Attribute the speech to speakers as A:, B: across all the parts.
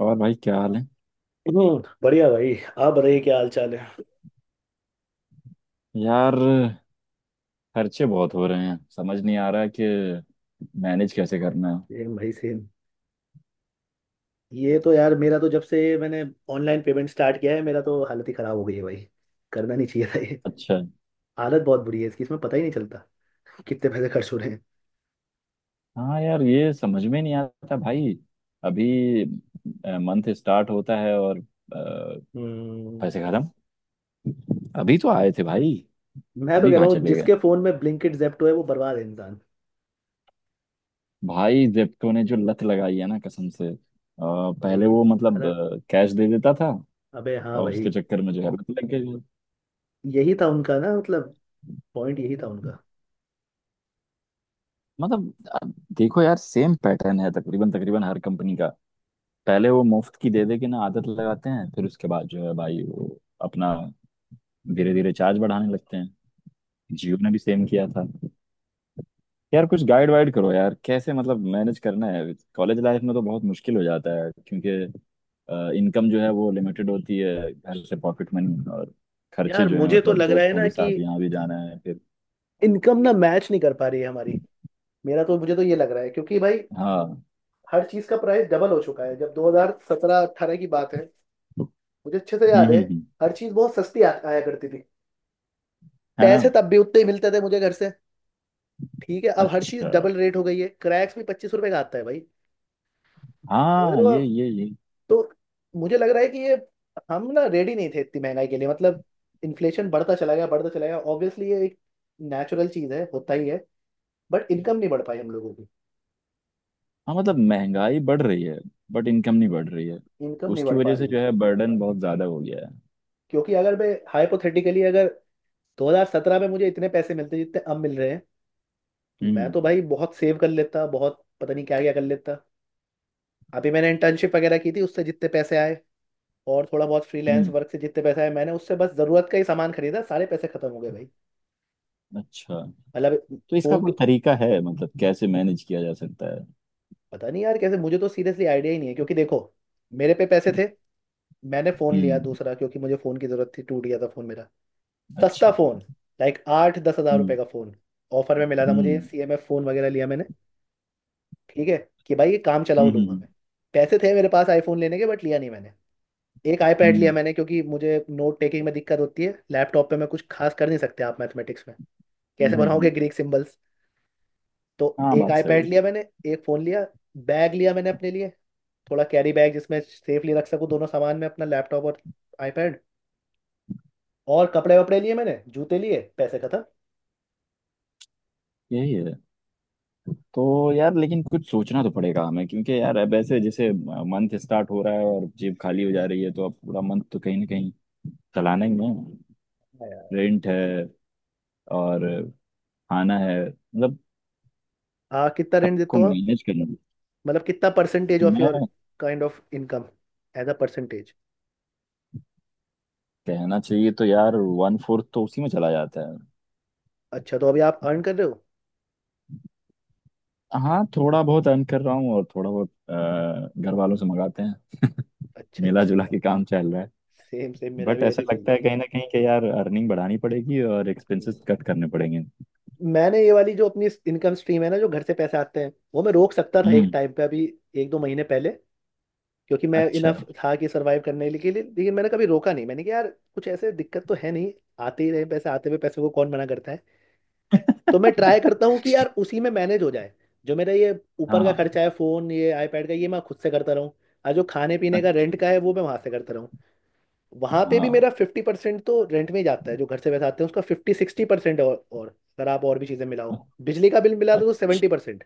A: और भाई क्या हाल है।
B: हम्म, बढ़िया भाई। आप बताइए क्या हाल चाल है?
A: यार खर्चे बहुत हो रहे हैं, समझ नहीं आ रहा कि मैनेज कैसे करना है।
B: सेम भाई, सेम। ये तो यार, मेरा तो जब से मैंने ऑनलाइन पेमेंट स्टार्ट किया है मेरा तो हालत ही खराब हो गई है भाई। करना नहीं चाहिए था ये।
A: अच्छा।
B: हालत बहुत बुरी है इसकी, इसमें पता ही नहीं चलता कितने पैसे खर्च हो रहे हैं।
A: हाँ यार, ये समझ में नहीं आता भाई। अभी मंथ स्टार्ट होता है और
B: हम्म।
A: पैसे खत्म। अभी तो आए थे भाई,
B: मैं तो
A: अभी
B: कह
A: कहाँ
B: रहा हूँ
A: चले गए।
B: जिसके फोन में ब्लिंकिट, जेप्टो है वो बर्बाद है इंसान।
A: भाई, जेप्टो ने जो लत लगाई है ना, कसम से। पहले
B: भाई।
A: वो
B: अरे।
A: कैश दे देता था
B: अबे हाँ
A: और उसके
B: भाई।
A: चक्कर में जो है लत लग गई।
B: यही था उनका ना, मतलब पॉइंट यही था उनका।
A: मतलब अ, देखो यार, सेम पैटर्न है तकरीबन तकरीबन हर कंपनी का। पहले वो मुफ्त की दे दे के ना आदत लगाते हैं, फिर उसके बाद जो है भाई वो अपना धीरे धीरे
B: हम्म,
A: चार्ज बढ़ाने लगते हैं। जियो ने भी सेम किया था। यार कुछ गाइड
B: हम्म।
A: वाइड करो यार, कैसे मतलब मैनेज करना है। कॉलेज लाइफ में तो बहुत मुश्किल हो जाता है क्योंकि इनकम जो है वो लिमिटेड होती है, घर से पॉकेट मनी, और खर्चे
B: यार
A: जो है
B: मुझे तो
A: मतलब
B: लग रहा है
A: दोस्तों
B: ना
A: के
B: कि
A: साथ यहाँ भी जाना है फिर।
B: इनकम ना मैच नहीं कर पा रही है हमारी। मेरा तो, मुझे तो ये लग रहा है क्योंकि भाई
A: हाँ।
B: हर चीज का प्राइस डबल हो चुका है। जब 2017 18 की बात है, मुझे अच्छे से
A: हम्म
B: याद है,
A: हम्म हम्म,
B: हर चीज बहुत सस्ती आया करती थी।
A: है ना।
B: पैसे तब भी उतने ही मिलते थे मुझे घर से। ठीक है, अब हर चीज
A: अच्छा।
B: डबल रेट हो गई है। क्रैक्स भी 25 रुपए का आता है भाई। समझ रहे
A: हाँ
B: हो आप?
A: ये ये।
B: तो मुझे लग रहा है कि ये हम ना रेडी नहीं थे इतनी महंगाई के लिए। मतलब इन्फ्लेशन बढ़ता चला गया, बढ़ता चला गया। ऑब्वियसली ये एक नेचुरल चीज है, होता ही है। बट इनकम नहीं बढ़ पाई हम लोगों की।
A: हाँ मतलब महंगाई बढ़ रही है बट इनकम नहीं बढ़ रही है।
B: इनकम नहीं
A: उसकी
B: बढ़ पा
A: वजह से
B: रही।
A: जो है बर्डन बहुत ज्यादा हो गया है।
B: क्योंकि अगर मैं हाइपोथेटिकली, अगर 2017 में मुझे इतने पैसे मिलते जितने अब मिल रहे हैं, तो मैं
A: हम्म
B: तो भाई बहुत सेव कर लेता, बहुत पता नहीं क्या क्या कर लेता। अभी मैंने इंटर्नशिप वगैरह की थी, उससे जितने पैसे आए और थोड़ा बहुत फ्रीलांस
A: हम्म
B: वर्क से जितने पैसे आए, मैंने उससे बस जरूरत का ही सामान खरीदा, सारे पैसे खत्म हो गए भाई।
A: अच्छा।
B: मतलब
A: तो इसका
B: फोन
A: कोई
B: तो,
A: तरीका है, मतलब कैसे मैनेज किया जा सकता है।
B: पता नहीं यार कैसे। मुझे तो सीरियसली आइडिया ही नहीं है। क्योंकि देखो, मेरे पे पैसे थे, मैंने फोन लिया
A: हम्म।
B: दूसरा क्योंकि मुझे फोन की जरूरत थी, टूट गया था फोन मेरा। सस्ता
A: अच्छा।
B: फोन, लाइक 8-10 हज़ार रुपए
A: हम्म
B: का फोन ऑफर में मिला था मुझे।
A: हम्म
B: CMF फोन वगैरह लिया मैंने। ठीक है कि भाई ये काम
A: हम्म
B: चलाऊ लूंगा
A: हम्म
B: मैं। पैसे थे मेरे पास आईफोन लेने के, बट लिया नहीं मैंने। एक आईपैड लिया
A: हम्म
B: मैंने, क्योंकि मुझे नोट टेकिंग में दिक्कत होती है लैपटॉप पे। मैं कुछ खास कर नहीं सकते आप मैथमेटिक्स में,
A: हम्म,
B: कैसे
A: हम्म,
B: बनाओगे ग्रीक सिंबल्स? तो
A: हाँ
B: एक
A: बात सही
B: आईपैड
A: है।
B: लिया मैंने, एक फ़ोन लिया, बैग लिया मैंने अपने लिए, थोड़ा कैरी बैग जिसमें सेफली रख सकूँ दोनों सामान में अपना लैपटॉप और आईपैड। और कपड़े वपड़े लिए मैंने, जूते लिए, पैसे खत्म।
A: यही है। तो यार लेकिन कुछ सोचना तो पड़ेगा हमें, क्योंकि यार अब ऐसे जैसे मंथ स्टार्ट हो रहा है और जेब खाली हो जा रही है, तो अब पूरा मंथ तो कहीं ना कहीं चलाना ही है।
B: हाँ यार।
A: रेंट है और खाना है, मतलब
B: आ कितना रेंट देते
A: सबको
B: हो आप?
A: मैनेज करना भी।
B: मतलब कितना परसेंटेज ऑफ योर
A: मैं
B: kind of income, as a percentage?
A: कहना चाहिए तो यार, वन फोर्थ तो उसी में चला जाता है।
B: अच्छा तो अभी आप अर्न कर रहे हो।
A: हाँ थोड़ा बहुत अर्न कर रहा हूँ और थोड़ा बहुत घर वालों से मंगाते हैं।
B: अच्छा
A: मिला जुला
B: अच्छा।
A: के काम चल रहा है।
B: सेम सेम, मेरा
A: बट
B: भी
A: ऐसा
B: ऐसे ही चल
A: लगता
B: रहा
A: है
B: है।
A: कहीं ना कहीं कि यार अर्निंग बढ़ानी पड़ेगी और
B: हम्म।
A: एक्सपेंसेस कट करने पड़ेंगे।
B: मैंने ये वाली जो अपनी इनकम स्ट्रीम है ना, जो घर से पैसे आते हैं, वो मैं रोक सकता था एक
A: हम्म।
B: टाइम पे, अभी 1-2 महीने पहले। क्योंकि मैं
A: अच्छा।
B: इनफ था कि सरवाइव करने के लिए, लेकिन मैंने कभी रोका नहीं। मैंने कहा यार कुछ ऐसे दिक्कत तो है नहीं, आते ही रहे पैसे, आते हुए पैसे को कौन मना करता है। तो मैं ट्राई करता हूँ कि यार उसी में मैनेज हो जाए। जो मेरा ये ऊपर का
A: हाँ।
B: खर्चा है, फोन, ये आईपैड का, ये मैं खुद से करता रहूँ, और जो खाने पीने का,
A: अच्छा।
B: रेंट का है, वो मैं वहां से करता रहूँ। वहां पे भी
A: हाँ।
B: मेरा 50% तो रेंट में ही जाता है। जो घर से पैसा आते हैं उसका 50-60%, और अगर आप और भी चीजें मिलाओ बिजली का बिल मिला तो सेवेंटी
A: अच्छा।
B: परसेंट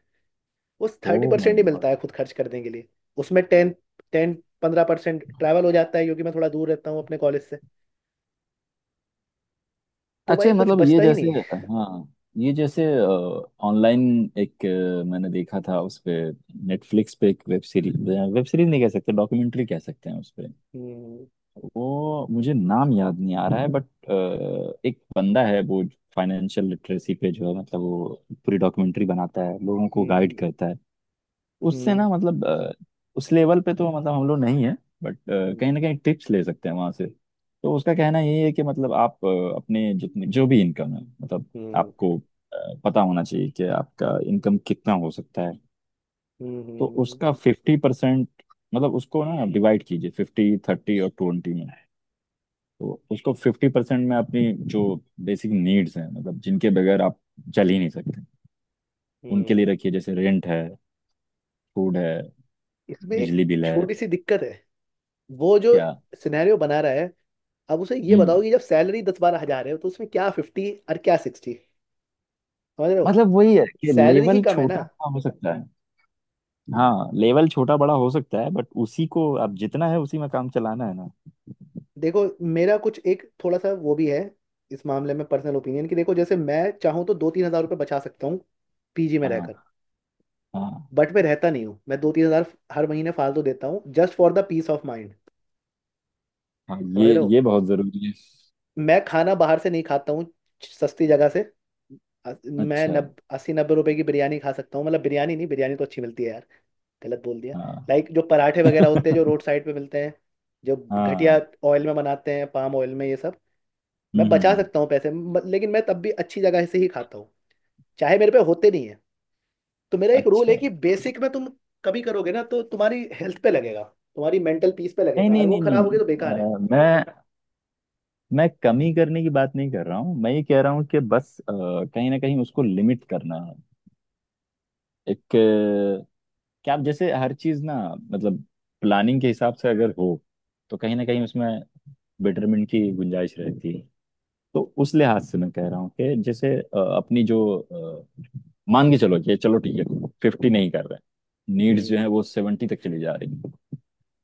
B: उस
A: ओ
B: थर्टी
A: माय
B: परसेंट ही मिलता
A: गॉड।
B: है खुद खर्च करने के लिए। उसमें 10-15% ट्रैवल हो जाता है क्योंकि मैं थोड़ा दूर रहता हूँ अपने कॉलेज से। तो भाई
A: अच्छा
B: कुछ
A: मतलब ये
B: बचता ही
A: जैसे,
B: नहीं।
A: हाँ, ये जैसे ऑनलाइन एक मैंने देखा था उस पे, नेटफ्लिक्स पे एक वेब सीरीज, वेब सीरीज नहीं कह सकते, डॉक्यूमेंट्री कह सकते हैं उस पे।
B: हम्म
A: वो, मुझे नाम याद नहीं आ रहा है बट एक बंदा है वो फाइनेंशियल लिटरेसी पे जो है मतलब वो पूरी डॉक्यूमेंट्री बनाता है, लोगों को गाइड
B: हम्म
A: करता है। उससे
B: हम्म
A: ना उस लेवल पे तो मतलब हम लोग नहीं है, बट कहीं ना
B: हम्म
A: कहीं टिप्स ले सकते हैं वहां से। तो उसका कहना यही है कि मतलब आप अपने जितने जो भी इनकम है, मतलब
B: हम्म
A: आपको पता होना चाहिए कि आपका इनकम कितना हो सकता है।
B: हम्म
A: तो
B: हम्म,
A: उसका फिफ्टी परसेंट, मतलब उसको ना डिवाइड कीजिए, फिफ्टी थर्टी और ट्वेंटी में। तो उसको फिफ्टी परसेंट में अपनी जो बेसिक नीड्स हैं, मतलब जिनके बगैर आप चल ही नहीं सकते, उनके
B: हम्म।
A: लिए रखिए। जैसे रेंट है, फूड है,
B: इसमें एक
A: बिजली बिल है।
B: छोटी सी दिक्कत है। वो जो
A: क्या?
B: सिनेरियो बना रहा है, अब उसे ये बताओ कि जब सैलरी 10-12 हज़ार है, तो उसमें क्या फिफ्टी और क्या सिक्सटी? समझ रहे हो?
A: मतलब वही है कि
B: सैलरी ही
A: लेवल
B: कम है ना।
A: छोटा बड़ा हो सकता है। हाँ लेवल छोटा बड़ा हो सकता है, बट उसी को अब जितना है उसी में काम चलाना है ना।
B: देखो, मेरा कुछ एक थोड़ा सा वो भी है इस मामले में पर्सनल ओपिनियन, कि देखो जैसे मैं चाहूँ तो 2-3 हज़ार रुपये बचा सकता हूँ पीजी में रहकर।
A: हाँ। हाँ
B: बट मैं रहता नहीं हूँ। मैं 2-3 हज़ार हर महीने फालतू देता हूँ just for the peace of mind.
A: हाँ,
B: समझ रहे हो?
A: ये बहुत जरूरी है।
B: मैं खाना बाहर से नहीं खाता हूँ सस्ती जगह से। अ- मैं
A: अच्छा।
B: नब 80-90 रुपए की बिरयानी खा सकता हूँ, मतलब बिरयानी नहीं, बिरयानी तो अच्छी मिलती है यार, गलत बोल दिया।
A: हाँ।
B: लाइक जो पराठे वगैरह होते हैं जो रोड साइड पे मिलते हैं, जो घटिया
A: हाँ।
B: ऑयल में बनाते हैं, पाम ऑयल में ये सब।
A: हम्म
B: मैं
A: हम्म,
B: बचा
A: हम्म,
B: सकता हूँ पैसे, लेकिन मैं तब भी अच्छी जगह से ही खाता हूँ, चाहे मेरे पे होते नहीं है। तो मेरा एक रूल है
A: अच्छा।
B: कि बेसिक में तुम कभी करोगे ना, तो तुम्हारी हेल्थ पे लगेगा, तुम्हारी मेंटल पीस पे
A: नहीं
B: लगेगा,
A: नहीं
B: और वो
A: नहीं नहीं
B: खराब होगी तो बेकार है।
A: नहीं अ, मैं कमी करने की बात नहीं कर रहा हूँ। मैं ये कह रहा हूँ कि बस कहीं ना कहीं उसको लिमिट करना है। एक क्या आप जैसे हर चीज ना, मतलब प्लानिंग के हिसाब से अगर हो तो कहीं ना कहीं उसमें बेटरमेंट की गुंजाइश रहती है। तो उस लिहाज से मैं कह रहा हूँ कि जैसे अपनी जो अ, मान के चलो कि चलो ठीक है फिफ्टी नहीं कर रहे, नीड्स जो
B: हम्म
A: है वो सेवेंटी तक चली जा रही हैं।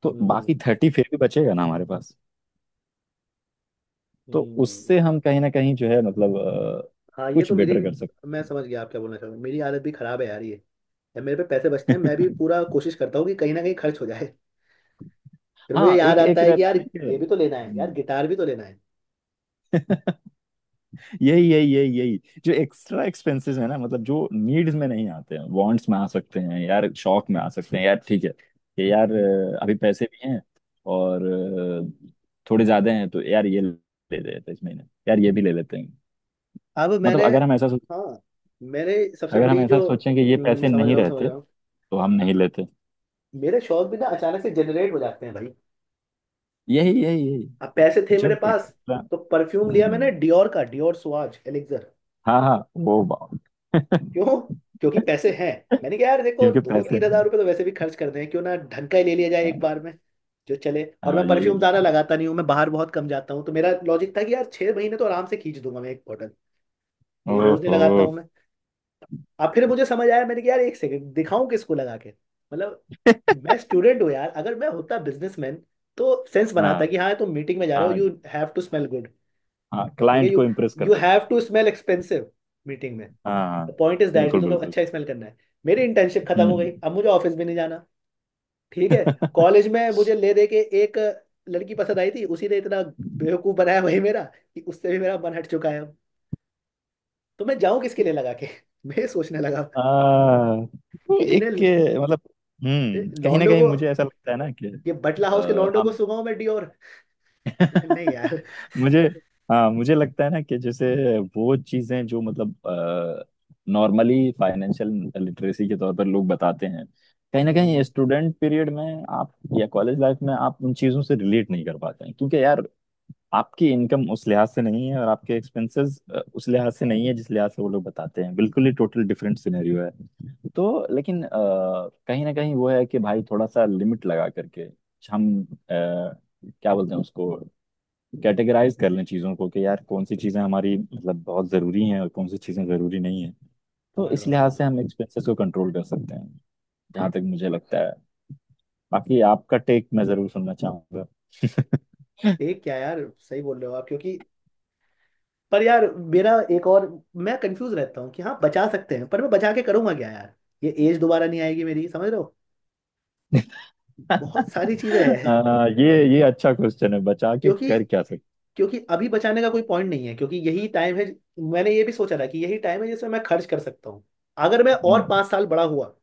A: तो
B: हम्म
A: बाकी थर्टी फिर भी बचेगा ना हमारे पास। तो उससे
B: हम्म।
A: हम कहीं ना कहीं जो है
B: हाँ ये
A: कुछ
B: तो मेरी,
A: बेटर कर सकते
B: मैं समझ गया आप क्या बोलना चाह रहे हो। मेरी आदत भी खराब है यार ये। यार मेरे पे पैसे बचते हैं, मैं भी
A: हैं।
B: पूरा कोशिश करता हूँ कि कहीं ना कहीं खर्च हो जाए। फिर मुझे
A: हाँ,
B: याद
A: एक
B: आता
A: एक
B: है कि
A: रहता है
B: यार
A: ना कि,
B: ये भी तो लेना है, यार
A: हम्म।
B: गिटार भी तो लेना है।
A: यही यही यही यही, जो एक्स्ट्रा एक्सपेंसेस है ना मतलब जो नीड्स में नहीं आते हैं, वांट्स में आ सकते हैं यार, शौक में आ सकते हैं यार। ठीक है कि यार
B: हम्म,
A: अभी पैसे भी हैं और थोड़े ज्यादा हैं तो यार ये ले लेते हैं इस महीने, यार ये भी ले लेते हैं।
B: अब
A: मतलब
B: मैंने,
A: अगर हम ऐसा सोच
B: हाँ, मेरे सबसे
A: अगर हम
B: बड़ी
A: ऐसा
B: जो,
A: सोचें कि ये पैसे
B: समझ
A: नहीं
B: रहा हूँ समझ
A: रहते
B: रहा हूँ।
A: तो हम नहीं लेते।
B: मेरे शौक भी ना अचानक से जनरेट हो जाते हैं भाई।
A: यही यही यही।
B: अब पैसे थे मेरे
A: जब
B: पास
A: एक्स्ट्रा।
B: तो परफ्यूम लिया मैंने
A: हम्म।
B: डियोर का, डियोर सुआज एलिक्सर।
A: हाँ हाँ, वो बात।
B: क्यों? क्योंकि पैसे हैं। मैंने कहा यार देखो
A: क्योंकि
B: दो
A: पैसे
B: तीन हजार
A: हैं।
B: रुपये तो वैसे भी खर्च करते हैं, क्यों ना ढंग का ही ले लिया जाए एक
A: हाँ।
B: बार में, जो चले। और
A: हाँ
B: मैं परफ्यूम
A: यही।
B: ज्यादा लगाता नहीं हूँ, मैं बाहर बहुत कम जाता हूँ, तो मेरा लॉजिक था कि यार 6 महीने तो आराम से खींच दूंगा मैं एक बॉटल, क्योंकि रोज नहीं
A: ओहो।
B: लगाता हूँ मैं। अब फिर मुझे समझ आया, मैंने कहा यार एक सेकंड, दिखाऊं किसको लगा के? मतलब मैं स्टूडेंट हूँ यार। अगर मैं होता बिजनेसमैन तो सेंस बनाता
A: हाँ
B: कि हाँ तुम मीटिंग में जा रहे हो,
A: हाँ
B: you have to smell good.
A: हाँ,
B: ठीक है,
A: क्लाइंट को
B: यू,
A: इम्प्रेस कर
B: यू
A: सके।
B: Have to smell expensive meeting में।
A: हाँ, हाँ,
B: पॉइंट इज दैट कि
A: बिल्कुल
B: तुम्हें
A: बिल्कुल।
B: अच्छा स्मेल करना है। मेरी इंटर्नशिप खत्म हो गई,
A: हम्म।
B: अब मुझे ऑफिस भी नहीं जाना। ठीक है। कॉलेज में मुझे ले दे के एक लड़की पसंद आई थी, उसी ने इतना बेवकूफ बनाया, वही मेरा, कि उससे भी मेरा मन हट चुका है अब। तो मैं जाऊं किसके लिए लगा के? मैं ये सोचने लगा
A: आ, तो
B: कि
A: एक
B: इन्हें,
A: के- मतलब। हम्म, कहीं ना
B: लॉन्डो
A: कहीं
B: को,
A: मुझे ऐसा लगता है ना कि,
B: ये बटला हाउस के
A: आ,
B: लौंडों को
A: हम
B: सुनाओ मैं डियोर? नहीं यार।
A: मुझे, हाँ मुझे लगता है ना कि जैसे वो चीजें जो मतलब नॉर्मली फाइनेंशियल लिटरेसी के तौर पर लोग बताते हैं, कहीं ना कहीं
B: हम्म,
A: स्टूडेंट पीरियड में आप, या कॉलेज लाइफ में आप उन चीजों से रिलेट नहीं कर पाते हैं, क्योंकि यार आपकी इनकम उस लिहाज से नहीं है और आपके एक्सपेंसेस उस लिहाज से नहीं है जिस लिहाज से वो लोग बताते हैं। बिल्कुल ही टोटल डिफरेंट सिनेरियो है। तो लेकिन कहीं ना कहीं वो है कि भाई थोड़ा सा लिमिट लगा करके हम क्या बोलते हैं उसको, कैटेगराइज कर लें चीज़ों को कि यार कौन सी चीज़ें हमारी मतलब बहुत ज़रूरी हैं और कौन सी चीज़ें ज़रूरी नहीं हैं। तो
B: समझ
A: इस
B: रहा हूँ समझ रहा
A: लिहाज से
B: हूँ।
A: हम एक्सपेंसेस को कंट्रोल कर सकते हैं, जहाँ तक मुझे लगता है। बाकी आपका टेक मैं ज़रूर सुनना चाहूंगा।
B: एक क्या यार, सही बोल रहे हो आप क्योंकि, पर यार मेरा एक और, मैं कंफ्यूज रहता हूँ कि हाँ बचा सकते हैं, पर मैं बचा के करूंगा क्या यार? ये एज दोबारा नहीं आएगी मेरी, समझ रहे हो? बहुत सारी चीजें हैं।
A: ये अच्छा क्वेश्चन है, बचा के
B: क्योंकि,
A: कर क्या सकते।
B: क्योंकि अभी बचाने का कोई पॉइंट नहीं है क्योंकि यही टाइम है। मैंने ये भी सोचा था कि यही टाइम है जिसमें मैं खर्च कर सकता हूँ। अगर मैं और
A: हम्म
B: 5 साल बड़ा हुआ,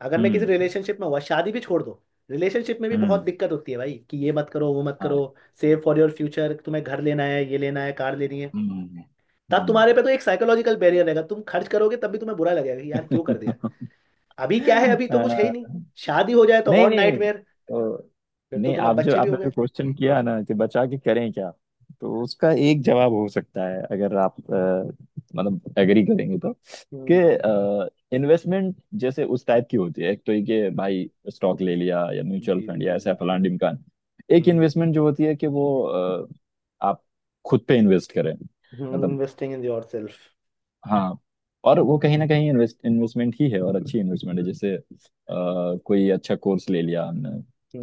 B: अगर मैं किसी
A: हम्म
B: रिलेशनशिप में हुआ, शादी भी छोड़ दो, रिलेशनशिप में भी बहुत
A: हम्म
B: दिक्कत होती है भाई, कि ये मत करो, वो मत
A: हाँ,
B: करो, सेव फॉर योर फ्यूचर, तुम्हें घर लेना है, ये लेना है, कार लेनी है।
A: हम्म
B: तब
A: हम्म।
B: तुम्हारे पे तो एक साइकोलॉजिकल बैरियर रहेगा, तुम खर्च करोगे तब भी तुम्हें बुरा लगेगा कि यार क्यों कर दिया। अभी क्या है, अभी
A: आ,
B: तो कुछ है ही नहीं। शादी हो जाए तो
A: नहीं
B: और
A: नहीं
B: नाइटमेयर,
A: तो।
B: फिर तो
A: नहीं,
B: तुम्हें
A: आप जो
B: बच्चे भी हो
A: आपने
B: गए।
A: जो क्वेश्चन किया ना कि बचा के करें क्या, तो उसका एक जवाब हो सकता है अगर आप मतलब एग्री करेंगे तो,
B: हम्म।
A: कि इन्वेस्टमेंट जैसे उस टाइप की होती है, एक तो ये कि भाई स्टॉक ले लिया या म्यूचुअल
B: जी जी
A: फंड या
B: जी
A: ऐसा
B: जी।
A: फलान ढिमकान। एक
B: हम्म।
A: इन्वेस्टमेंट जो होती है कि वो आप खुद पे इन्वेस्ट करें, मतलब।
B: Investing in yourself.
A: हाँ। और वो कहीं ना कहीं इन्वेस्टमेंट ही है और अच्छी इन्वेस्टमेंट है। जैसे कोई अच्छा कोर्स ले लिया हमने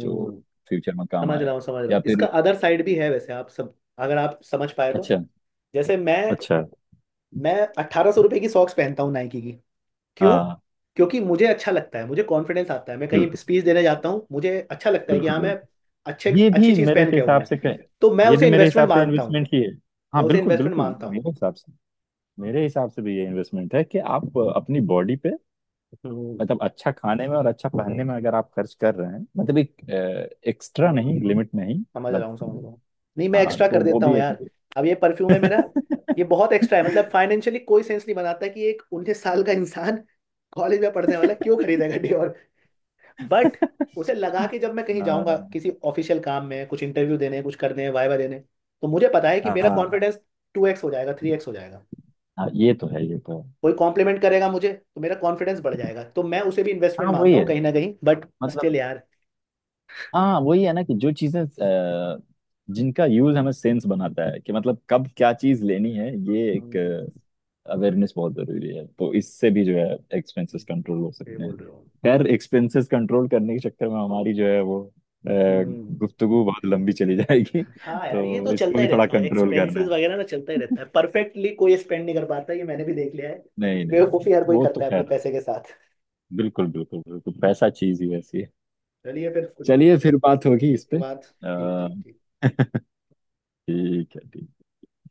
A: जो फ्यूचर में काम
B: समझ
A: आए।
B: रहा हूँ समझ रहा
A: या
B: हूँ। इसका
A: फिर,
B: अदर साइड भी है वैसे आप, सब अगर आप समझ पाए तो।
A: अच्छा।
B: जैसे मैं
A: अच्छा।
B: मैं 1,800 रुपए की सॉक्स पहनता हूँ नाइकी की। क्यों?
A: हाँ
B: क्योंकि मुझे अच्छा लगता है, मुझे कॉन्फिडेंस आता है। मैं कहीं
A: बिल्कुल
B: स्पीच देने जाता हूँ, मुझे अच्छा लगता है कि
A: बिल्कुल
B: हाँ मैं
A: बिल्कुल।
B: अच्छे,
A: ये
B: अच्छी
A: भी
B: चीज़
A: मेरे
B: पहन के आऊँ
A: हिसाब
B: मैं।
A: से कह-,
B: तो मैं
A: ये भी
B: उसे
A: मेरे
B: इन्वेस्टमेंट
A: हिसाब से
B: मानता हूँ।
A: इन्वेस्टमेंट ही है।
B: मैं
A: हाँ
B: उसे
A: बिल्कुल
B: इन्वेस्टमेंट
A: बिल्कुल,
B: मानता हूँ।
A: मेरे हिसाब से, मेरे हिसाब से भी ये इन्वेस्टमेंट है कि आप अपनी बॉडी पे
B: हम्म,
A: मतलब अच्छा खाने में और अच्छा पहनने में अगर आप खर्च कर रहे हैं, मतलब एक एक्स्ट्रा
B: हम्म,
A: नहीं, लिमिट नहीं,
B: समझ रहा हूँ समझ
A: मतलब।
B: रहा हूँ। नहीं मैं
A: हाँ
B: एक्स्ट्रा
A: तो
B: कर
A: वो
B: देता
A: भी
B: हूँ
A: एक।
B: यार। अब ये परफ्यूम है मेरा,
A: हाँ
B: ये बहुत एक्स्ट्रा है। मतलब फाइनेंशियली कोई सेंस नहीं बनाता कि एक 19 साल का इंसान कॉलेज में पढ़ने वाला क्यों खरीदेगा डियोर? बट उसे लगा कि जब मैं कहीं जाऊंगा किसी ऑफिशियल काम में, कुछ इंटरव्यू देने, कुछ करने, वाइवा देने, तो मुझे पता है कि मेरा
A: हाँ
B: कॉन्फिडेंस 2X हो जाएगा, 3X हो जाएगा।
A: हाँ, ये तो है ये तो है।
B: कोई कॉम्प्लीमेंट करेगा मुझे, तो मेरा कॉन्फिडेंस बढ़ जाएगा। तो मैं उसे भी इन्वेस्टमेंट
A: हाँ वही
B: मानता हूँ
A: है,
B: कहीं ना कहीं, बट स्टिल
A: मतलब।
B: यार।
A: हाँ वही है ना कि जो चीजें जिनका यूज हमें सेंस बनाता है कि मतलब कब क्या चीज लेनी है, ये एक
B: हम्म,
A: अवेयरनेस बहुत जरूरी है। तो इससे भी जो है एक्सपेंसेस कंट्रोल हो
B: ये
A: सकते हैं।
B: बोल रहे हो।
A: खैर, एक्सपेंसेस कंट्रोल करने के चक्कर में हमारी जो है वो
B: हम्म।
A: गुफ्तगू बहुत लंबी चली जाएगी।
B: हाँ यार ये तो
A: तो इसको
B: चलता ही
A: भी थोड़ा
B: रहता है,
A: कंट्रोल करना
B: एक्सपेंसेस
A: है।
B: वगैरह ना चलता ही रहता है। परफेक्टली कोई स्पेंड नहीं कर पाता, ये मैंने भी देख लिया है।
A: नहीं नहीं नहीं,
B: बेवकूफी हर कोई
A: वो तो
B: करता है अपने
A: खैर
B: पैसे के साथ।
A: बिल्कुल बिल्कुल बिल्कुल, पैसा चीज ही वैसी है।
B: चलिए फिर।
A: चलिए फिर बात होगी इस
B: उसके
A: पे।
B: बाद। ठीक
A: अ,
B: ठीक ठीक।
A: ठीक है, ठीक।